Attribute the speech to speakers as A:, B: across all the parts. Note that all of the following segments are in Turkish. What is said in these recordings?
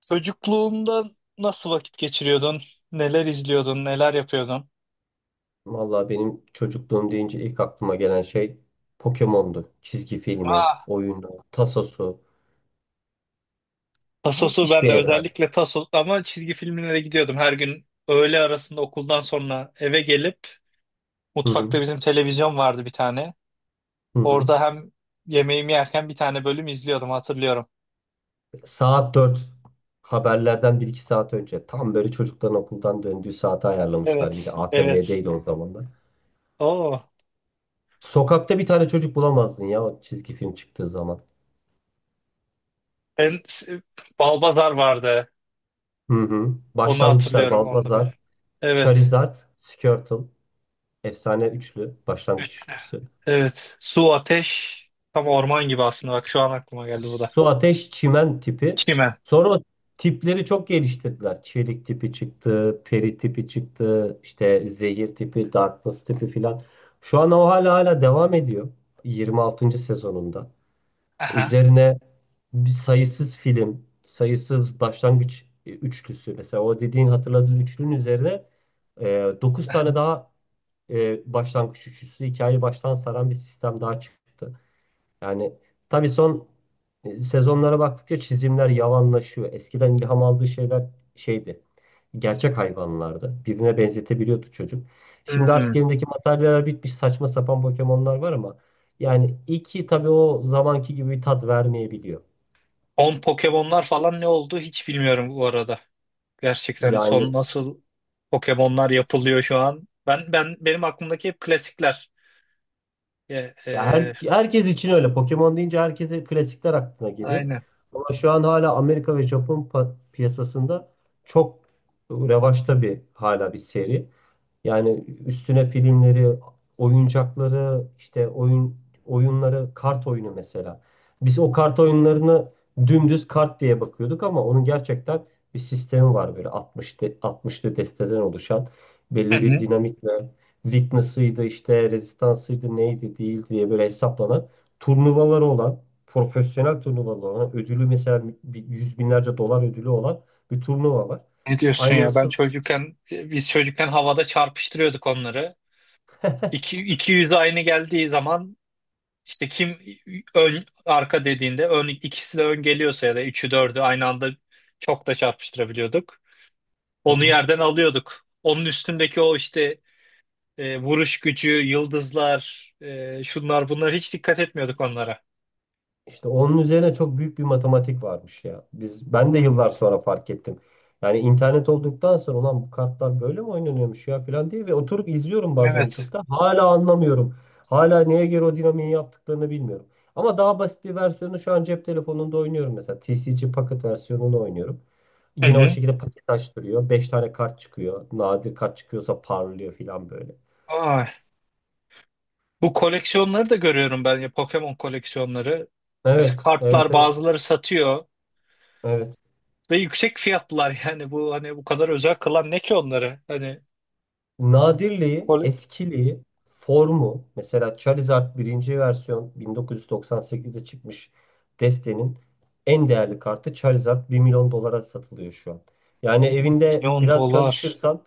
A: Çocukluğunda nasıl vakit geçiriyordun? Neler izliyordun? Neler yapıyordun?
B: Vallahi benim çocukluğum deyince ilk aklıma gelen şey Pokemon'du. Çizgi filmi,
A: Ah,
B: oyunu, tasosu.
A: Tasos'u
B: Müthiş
A: ben de
B: bir evren.
A: özellikle Tasos ama çizgi filmlere gidiyordum. Her gün öğle arasında okuldan sonra eve gelip
B: Hı hı.
A: mutfakta bizim televizyon vardı bir tane.
B: Hı hı.
A: Orada hem yemeğimi yerken bir tane bölüm izliyordum hatırlıyorum.
B: Saat dört. Haberlerden bir iki saat önce. Tam böyle çocukların okuldan döndüğü saate ayarlamışlar. Bir de
A: Evet, evet.
B: ATV'deydi o zaman da.
A: Oo.
B: Sokakta bir tane çocuk bulamazdın ya o çizgi film çıktığı zaman.
A: Ben Balbazar vardı.
B: Hı hı.
A: Onu
B: Başlangıçlar
A: hatırlıyorum onda böyle.
B: Balbazar,
A: Evet.
B: Charizard, Squirtle. Efsane üçlü. Başlangıç
A: Üçlü.
B: üçlüsü.
A: Evet. Su, ateş. Tam orman gibi aslında. Bak şu an aklıma geldi bu da.
B: Su, ateş, çimen tipi.
A: Çimen.
B: Sonra o tipleri çok geliştirdiler. Çelik tipi çıktı, peri tipi çıktı, işte zehir tipi, darkness tipi filan. Şu an o hala devam ediyor. 26. sezonunda.
A: Aha.
B: Üzerine bir sayısız film, sayısız başlangıç üçlüsü. Mesela o dediğin hatırladığın üçlünün üzerine 9 tane daha başlangıç üçlüsü hikayeyi baştan saran bir sistem daha çıktı. Yani tabii son sezonlara baktıkça çizimler yavanlaşıyor. Eskiden ilham aldığı şeyler şeydi. Gerçek hayvanlardı. Birine benzetebiliyordu çocuk. Şimdi
A: Hmm.
B: artık elindeki materyaller bitmiş saçma sapan Pokemon'lar var ama yani iki tabii o zamanki gibi bir tat vermeyebiliyor.
A: Son Pokemon'lar falan ne oldu hiç bilmiyorum bu arada. Gerçekten son
B: Yani
A: nasıl Pokemon'lar yapılıyor şu an. Benim aklımdaki hep klasikler. E,
B: ya
A: e,
B: herkes için öyle. Pokemon deyince herkese klasikler aklına geliyor.
A: aynen.
B: Ama şu an hala Amerika ve Japon piyasasında çok revaçta hala bir seri. Yani üstüne filmleri, oyuncakları, işte oyunları, kart oyunu mesela. Biz o
A: Hı
B: kart
A: hı.
B: oyunlarını dümdüz kart diye bakıyorduk ama onun gerçekten bir sistemi var böyle 60'lı desteden oluşan belli bir
A: Hı.
B: dinamikle weakness'ıydı işte rezistansıydı neydi değil diye böyle hesaplanan turnuvaları olan profesyonel turnuvaları olan ödülü mesela yüz binlerce dolar ödülü olan bir turnuva var.
A: Ne diyorsun ya? Ben
B: Aynısı.
A: çocukken biz çocukken havada çarpıştırıyorduk onları. İki yüz aynı geldiği zaman, İşte kim ön arka dediğinde ön ikisi de ön geliyorsa ya da üçü dördü aynı anda çok da çarpıştırabiliyorduk.
B: Hı
A: Onu
B: hı.
A: yerden alıyorduk. Onun üstündeki o işte vuruş gücü, yıldızlar, şunlar bunlar hiç dikkat etmiyorduk onlara.
B: İşte onun üzerine çok büyük bir matematik varmış ya. Ben de
A: Hmm,
B: yıllar sonra fark ettim. Yani internet olduktan sonra ulan bu kartlar böyle mi oynanıyormuş ya falan diye ve oturup izliyorum bazen
A: evet.
B: YouTube'da. Hala anlamıyorum. Hala neye göre o dinamiği yaptıklarını bilmiyorum. Ama daha basit bir versiyonu şu an cep telefonunda oynuyorum mesela. TCG Pocket versiyonunu oynuyorum.
A: Hı
B: Yine o
A: hı.
B: şekilde paket açtırıyor. 5 tane kart çıkıyor. Nadir kart çıkıyorsa parlıyor falan böyle.
A: Ay. Bu koleksiyonları da görüyorum ben ya, Pokemon koleksiyonları. Mesela
B: Evet, evet,
A: kartlar,
B: evet,
A: bazıları satıyor
B: evet.
A: ve yüksek fiyatlılar, yani bu, hani bu kadar özel kılan ne ki onları? Hani
B: Nadirliği,
A: kole...
B: eskiliği, formu mesela Charizard birinci versiyon 1998'de çıkmış, destenin en değerli kartı Charizard 1 milyon dolara satılıyor şu an. Yani
A: 1
B: evinde
A: milyon
B: biraz
A: dolar.
B: karıştırsan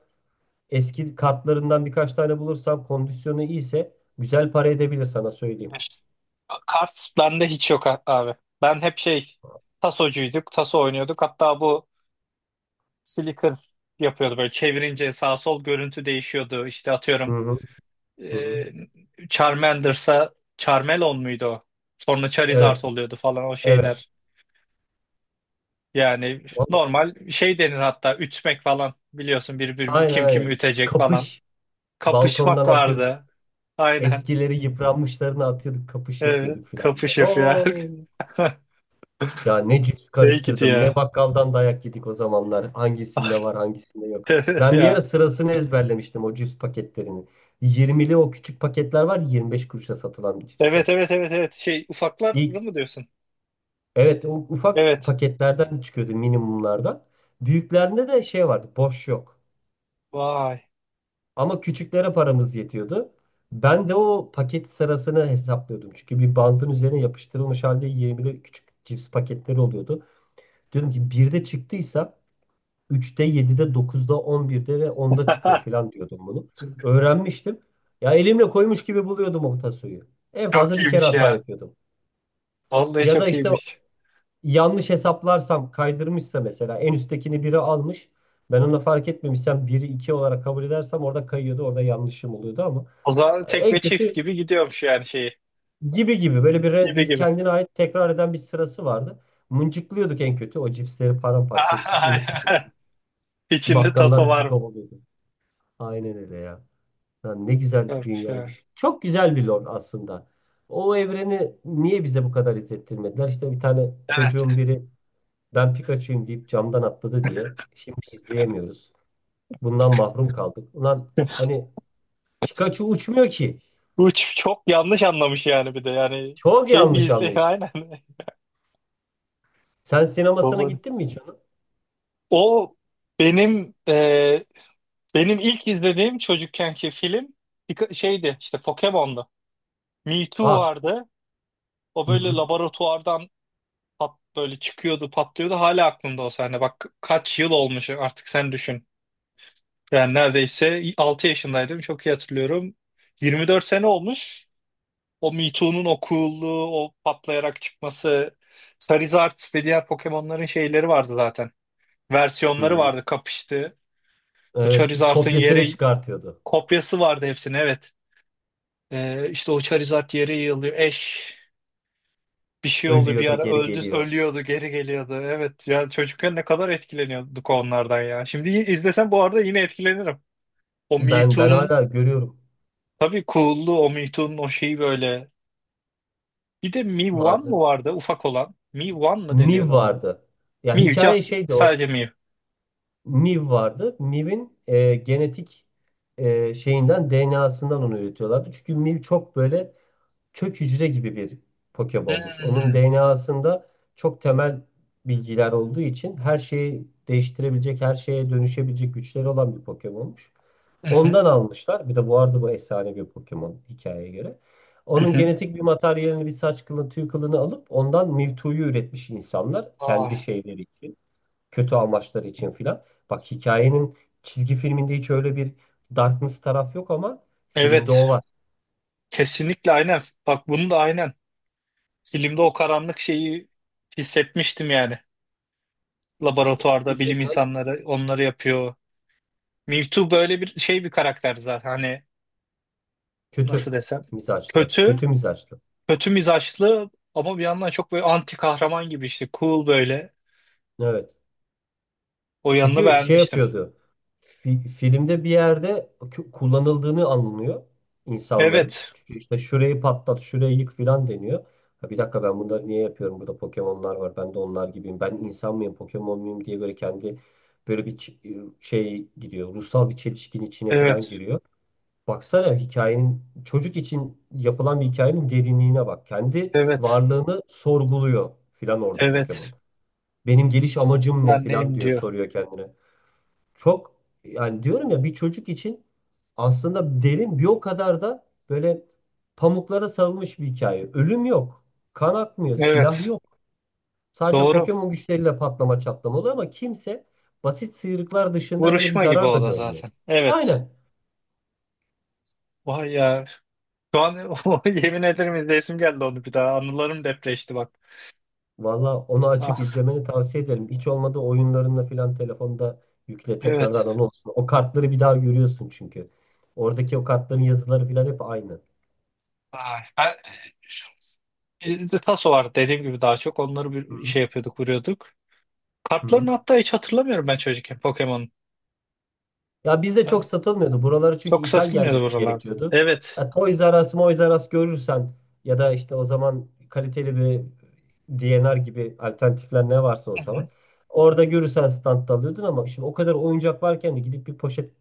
B: eski kartlarından birkaç tane bulursan kondisyonu iyiyse güzel para edebilir sana söyleyeyim.
A: İşte, kart bende hiç yok, abi. Ben hep şey, tasocuyduk, taso oynuyorduk. Hatta bu flicker yapıyordu, böyle çevirince sağ sol görüntü değişiyordu. İşte
B: Hı
A: atıyorum,
B: hı, hı hı.
A: Charmander'sa Charmelon muydu o? Sonra Charizard
B: Evet,
A: oluyordu falan o
B: evet.
A: şeyler. Yani
B: Vallahi,
A: normal şey denir, hatta ütmek falan biliyorsun, birbirini
B: aynen
A: kim kimi
B: aynen.
A: ütecek falan.
B: Kapış balkondan
A: Kapışmak
B: atıyorduk.
A: vardı. Aynen.
B: Eskileri yıpranmışlarını atıyorduk, kapış
A: Evet,
B: yapıyorduk filan.
A: kapış yapıyor.
B: Oo. Ya ne cips
A: Hey git
B: karıştırdım, ne
A: ya.
B: bakkaldan dayak yedik o zamanlar. Hangisinde var, hangisinde yok.
A: Evet
B: Ben bir ara
A: ya.
B: sırasını ezberlemiştim o cips paketlerini. 20'li o küçük paketler var, 25 kuruşa satılan cipsler.
A: Evet evet evet evet. Şey, ufakları
B: İlk,
A: mı diyorsun?
B: evet, o ufak
A: Evet.
B: paketlerden çıkıyordu minimumlardan. Büyüklerinde de şey vardı, boş yok.
A: Vay.
B: Ama küçüklere paramız yetiyordu. Ben de o paket sırasını hesaplıyordum. Çünkü bir bandın üzerine yapıştırılmış halde 20'li küçük cips paketleri oluyordu. Diyordum ki bir de çıktıysa 3'te, 7'de, 9'da, 11'de ve 10'da çıkıyor falan diyordum bunu. Öğrenmiştim. Ya elimle koymuş gibi buluyordum o tasoyu. En
A: Çok
B: fazla bir kere
A: iyiymiş
B: hata
A: ya.
B: yapıyordum.
A: Vallahi
B: Ya da
A: çok
B: işte
A: iyiymiş.
B: yanlış hesaplarsam, kaydırmışsa mesela en üsttekini biri almış. Ben onu fark etmemişsem 1'i 2 olarak kabul edersem orada kayıyordu, orada yanlışım oluyordu ama
A: O zaman tek
B: en
A: ve çift
B: kötü
A: gibi gidiyormuş yani şeyi.
B: gibi gibi böyle bir, re-
A: Gibi
B: bir
A: gibi.
B: kendine ait tekrar eden bir sırası vardı. Mıncıklıyorduk en kötü. O cipsleri paramparça ettik, unu fırlatıyorduk.
A: İçinde taso
B: Bakkallar
A: var
B: bizi
A: mı?
B: kovalıyordu. Aynen öyle ya. Lan ne güzel
A: Varmış ya.
B: dünyaymış. Çok güzel bir lore aslında. O evreni niye bize bu kadar izlettirmediler? İşte bir tane
A: Evet.
B: çocuğun biri ben Pikachu'yum deyip camdan atladı diye şimdi izleyemiyoruz. Bundan mahrum kaldık. Ulan hani Pikachu uçmuyor ki.
A: Bu çok yanlış anlamış yani, bir de yani
B: Çok
A: şey bir
B: yanlış
A: izle
B: anlamış.
A: aynen.
B: Sen sinemasına
A: Babanın.
B: gittin mi hiç onun?
A: O benim e, benim ilk izlediğim çocukkenki film şeydi işte, Pokemon'du. Mewtwo
B: Aa.
A: vardı. O
B: Hı
A: böyle
B: hı.
A: laboratuvardan pat, böyle çıkıyordu, patlıyordu. Hala aklımda o sahne. Bak kaç yıl olmuş artık, sen düşün. Yani neredeyse 6 yaşındaydım. Çok iyi hatırlıyorum. 24 sene olmuş. O Me Too'nun o cool'luğu, o patlayarak çıkması. Charizard ve diğer Pokemon'ların şeyleri vardı zaten.
B: Hı
A: Versiyonları
B: hı.
A: vardı, kapıştı. O
B: Evet,
A: Charizard'ın
B: kopyasını
A: yeri,
B: çıkartıyordu.
A: kopyası vardı hepsinin, evet. İşte o Charizard yeri yığılıyor. Ash bir şey oldu, bir
B: Ölüyor da
A: ara
B: geri
A: öldü,
B: geliyor.
A: ölüyordu, geri geliyordu. Evet ya, çocukken ne kadar etkileniyorduk onlardan ya. Şimdi izlesem bu arada yine etkilenirim. O Me
B: Ben
A: Too'nun
B: hala görüyorum
A: tabii cool'luğu, o Me Too'nun o şeyi böyle. Bir de Mi One
B: bazen.
A: mu vardı ufak olan? Mi One mı
B: Miv
A: deniyordu ona?
B: vardı. Ya
A: Mi
B: hikaye
A: Just,
B: şeydi o.
A: sadece Mi.
B: Miv vardı. Miv'in genetik, e, şeyinden DNA'sından onu üretiyorlardı. Çünkü Miv çok böyle kök hücre gibi bir Pokemon'muş. Onun
A: Hmm.
B: DNA'sında çok temel bilgiler olduğu için her şeyi değiştirebilecek, her şeye dönüşebilecek güçleri olan bir Pokemon'muş.
A: Hı hı,
B: Ondan almışlar. Bir de bu arada bu efsane bir Pokemon hikayeye göre.
A: hı
B: Onun
A: hı.
B: genetik bir materyalini, bir saç kılını, tüy kılını alıp ondan Mewtwo'yu üretmiş insanlar
A: Aa,
B: kendi şeyleri için, kötü amaçları için filan. Bak hikayenin çizgi filminde hiç öyle bir darkness taraf yok ama filmde o
A: evet,
B: var.
A: kesinlikle aynen. Bak bunu da aynen. Filmde o karanlık şeyi hissetmiştim yani.
B: İşte
A: Laboratuvarda bilim
B: üzerinden
A: insanları onları yapıyor. Mewtwo böyle bir şey, bir karakter zaten, hani nasıl
B: kötü
A: desem,
B: mizaçlı,
A: kötü,
B: kötü mizaçlı.
A: kötü mizaçlı ama bir yandan çok böyle anti kahraman gibi işte, cool böyle,
B: Evet.
A: o yanını
B: Çünkü şey
A: beğenmiştim.
B: yapıyordu. Filmde bir yerde kullanıldığını anlıyor insanların.
A: Evet,
B: Çünkü işte şurayı patlat, şurayı yık filan deniyor. Ha bir dakika, ben bunları niye yapıyorum? Burada Pokemon'lar var. Ben de onlar gibiyim. Ben insan mıyım, Pokemon muyum diye böyle kendi, böyle bir şey gidiyor. Ruhsal bir çelişkin içine filan
A: evet,
B: giriyor. Baksana hikayenin, çocuk için yapılan bir hikayenin derinliğine bak. Kendi
A: evet,
B: varlığını sorguluyor filan orada
A: evet,
B: Pokemon. Benim geliş amacım ne
A: ben
B: filan
A: neyim
B: diyor,
A: diyor.
B: soruyor kendine. Çok yani, diyorum ya, bir çocuk için aslında derin, bir o kadar da böyle pamuklara sarılmış bir hikaye. Ölüm yok, kan akmıyor, silah
A: Evet,
B: yok. Sadece
A: doğru,
B: Pokemon güçleriyle patlama çatlama oluyor ama kimse basit sıyrıklar dışında böyle bir
A: vuruşma gibi
B: zarar da
A: o da
B: görmüyor.
A: zaten, evet.
B: Aynen.
A: Vay ya, şu an o, yemin ederim izleyesim geldi onu bir daha, anılarım depreşti bak.
B: Valla onu açıp
A: Ah,
B: izlemeni tavsiye ederim. Hiç olmadı oyunlarınla falan telefonda yükle
A: evet.
B: tekrardan onu olsun. O kartları bir daha görüyorsun çünkü. Oradaki o kartların yazıları falan hep aynı.
A: Ay. Bizde taso var dediğim gibi, daha çok onları
B: Hı
A: bir
B: hı.
A: şey yapıyorduk, vuruyorduk.
B: Hı.
A: Kartlarını hatta hiç hatırlamıyorum ben çocukken Pokemon'un.
B: Ya bizde
A: Yani
B: çok satılmıyordu. Buralara çünkü
A: çok
B: ithal
A: satılmıyordu
B: gelmesi
A: buralarda.
B: gerekiyordu.
A: Evet.
B: Ya Toys R Us, Moys R Us görürsen ya da işte o zaman kaliteli bir DNR gibi alternatifler ne varsa o
A: Hı hı.
B: zaman. Orada görürsen standta alıyordun ama şimdi o kadar oyuncak varken de gidip bir poşet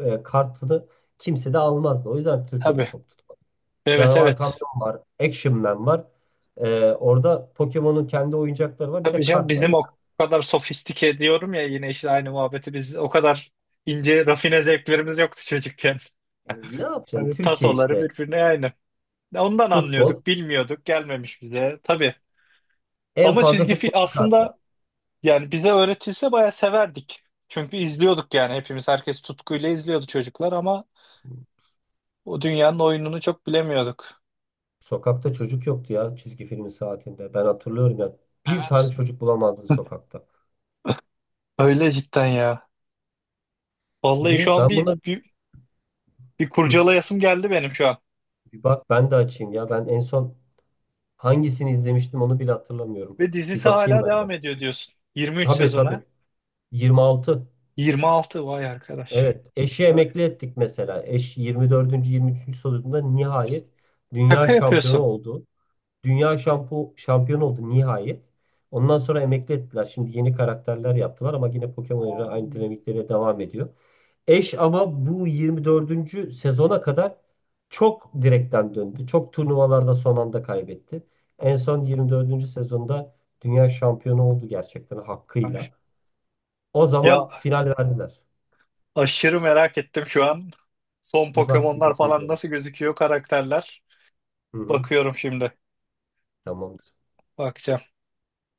B: kartını kimse de almazdı. O yüzden Türkiye'de
A: Tabii.
B: çok tutmadı.
A: Evet
B: Canavar
A: evet.
B: Kamyon var, Action Man var. E, orada Pokemon'un kendi oyuncakları var, bir
A: Tabii
B: de
A: canım,
B: kart var.
A: bizim o kadar sofistike diyorum ya, yine işte aynı muhabbeti, biz o kadar ince rafine zevklerimiz yoktu çocukken.
B: E, ne yapacaksın?
A: Hani
B: Türkiye
A: tasoları
B: işte
A: birbirine aynı. Ondan
B: futbol,
A: anlıyorduk, bilmiyorduk, gelmemiş bize. Tabii.
B: en
A: Ama
B: fazla
A: çizgi film
B: futbolcu kartı.
A: aslında, yani bize öğretilse bayağı severdik. Çünkü izliyorduk yani, hepimiz, herkes tutkuyla izliyordu çocuklar ama o dünyanın oyununu çok bilemiyorduk.
B: Sokakta çocuk yoktu ya çizgi filmin saatinde. Ben hatırlıyorum ya. Bir
A: Evet.
B: tane çocuk bulamazdı sokakta.
A: Öyle cidden ya. Vallahi şu
B: Niye?
A: an
B: Ben buna.
A: bir
B: Hı.
A: kurcalayasım geldi benim şu an.
B: Bir bak ben de açayım ya. Ben en son hangisini izlemiştim onu bile hatırlamıyorum.
A: Ve
B: Bir
A: dizisi
B: bakayım
A: hala
B: ben de.
A: devam ediyor diyorsun. 23
B: Tabii
A: sezona.
B: tabii. 26.
A: 26, vay arkadaş.
B: Evet. Eşi
A: Vay.
B: emekli ettik mesela. Eş 24. 23. sorusunda nihayet dünya
A: Şaka
B: şampiyonu
A: yapıyorsun.
B: oldu. Dünya şampiyonu oldu nihayet. Ondan sonra emekli ettiler. Şimdi yeni karakterler yaptılar ama yine Pokemon ile
A: Oo.
B: aynı dinamikleri devam ediyor. Eş ama bu 24. sezona kadar çok direkten döndü. Çok turnuvalarda son anda kaybetti. En son 24. sezonda dünya şampiyonu oldu gerçekten
A: Ay.
B: hakkıyla. O
A: Ya
B: zaman final verdiler.
A: aşırı merak ettim şu an. Son
B: Bir bak bir
A: Pokemon'lar
B: bak
A: falan
B: incele.
A: nasıl gözüküyor karakterler.
B: Hı hı.
A: Bakıyorum şimdi.
B: Tamamdır.
A: Bakacağım.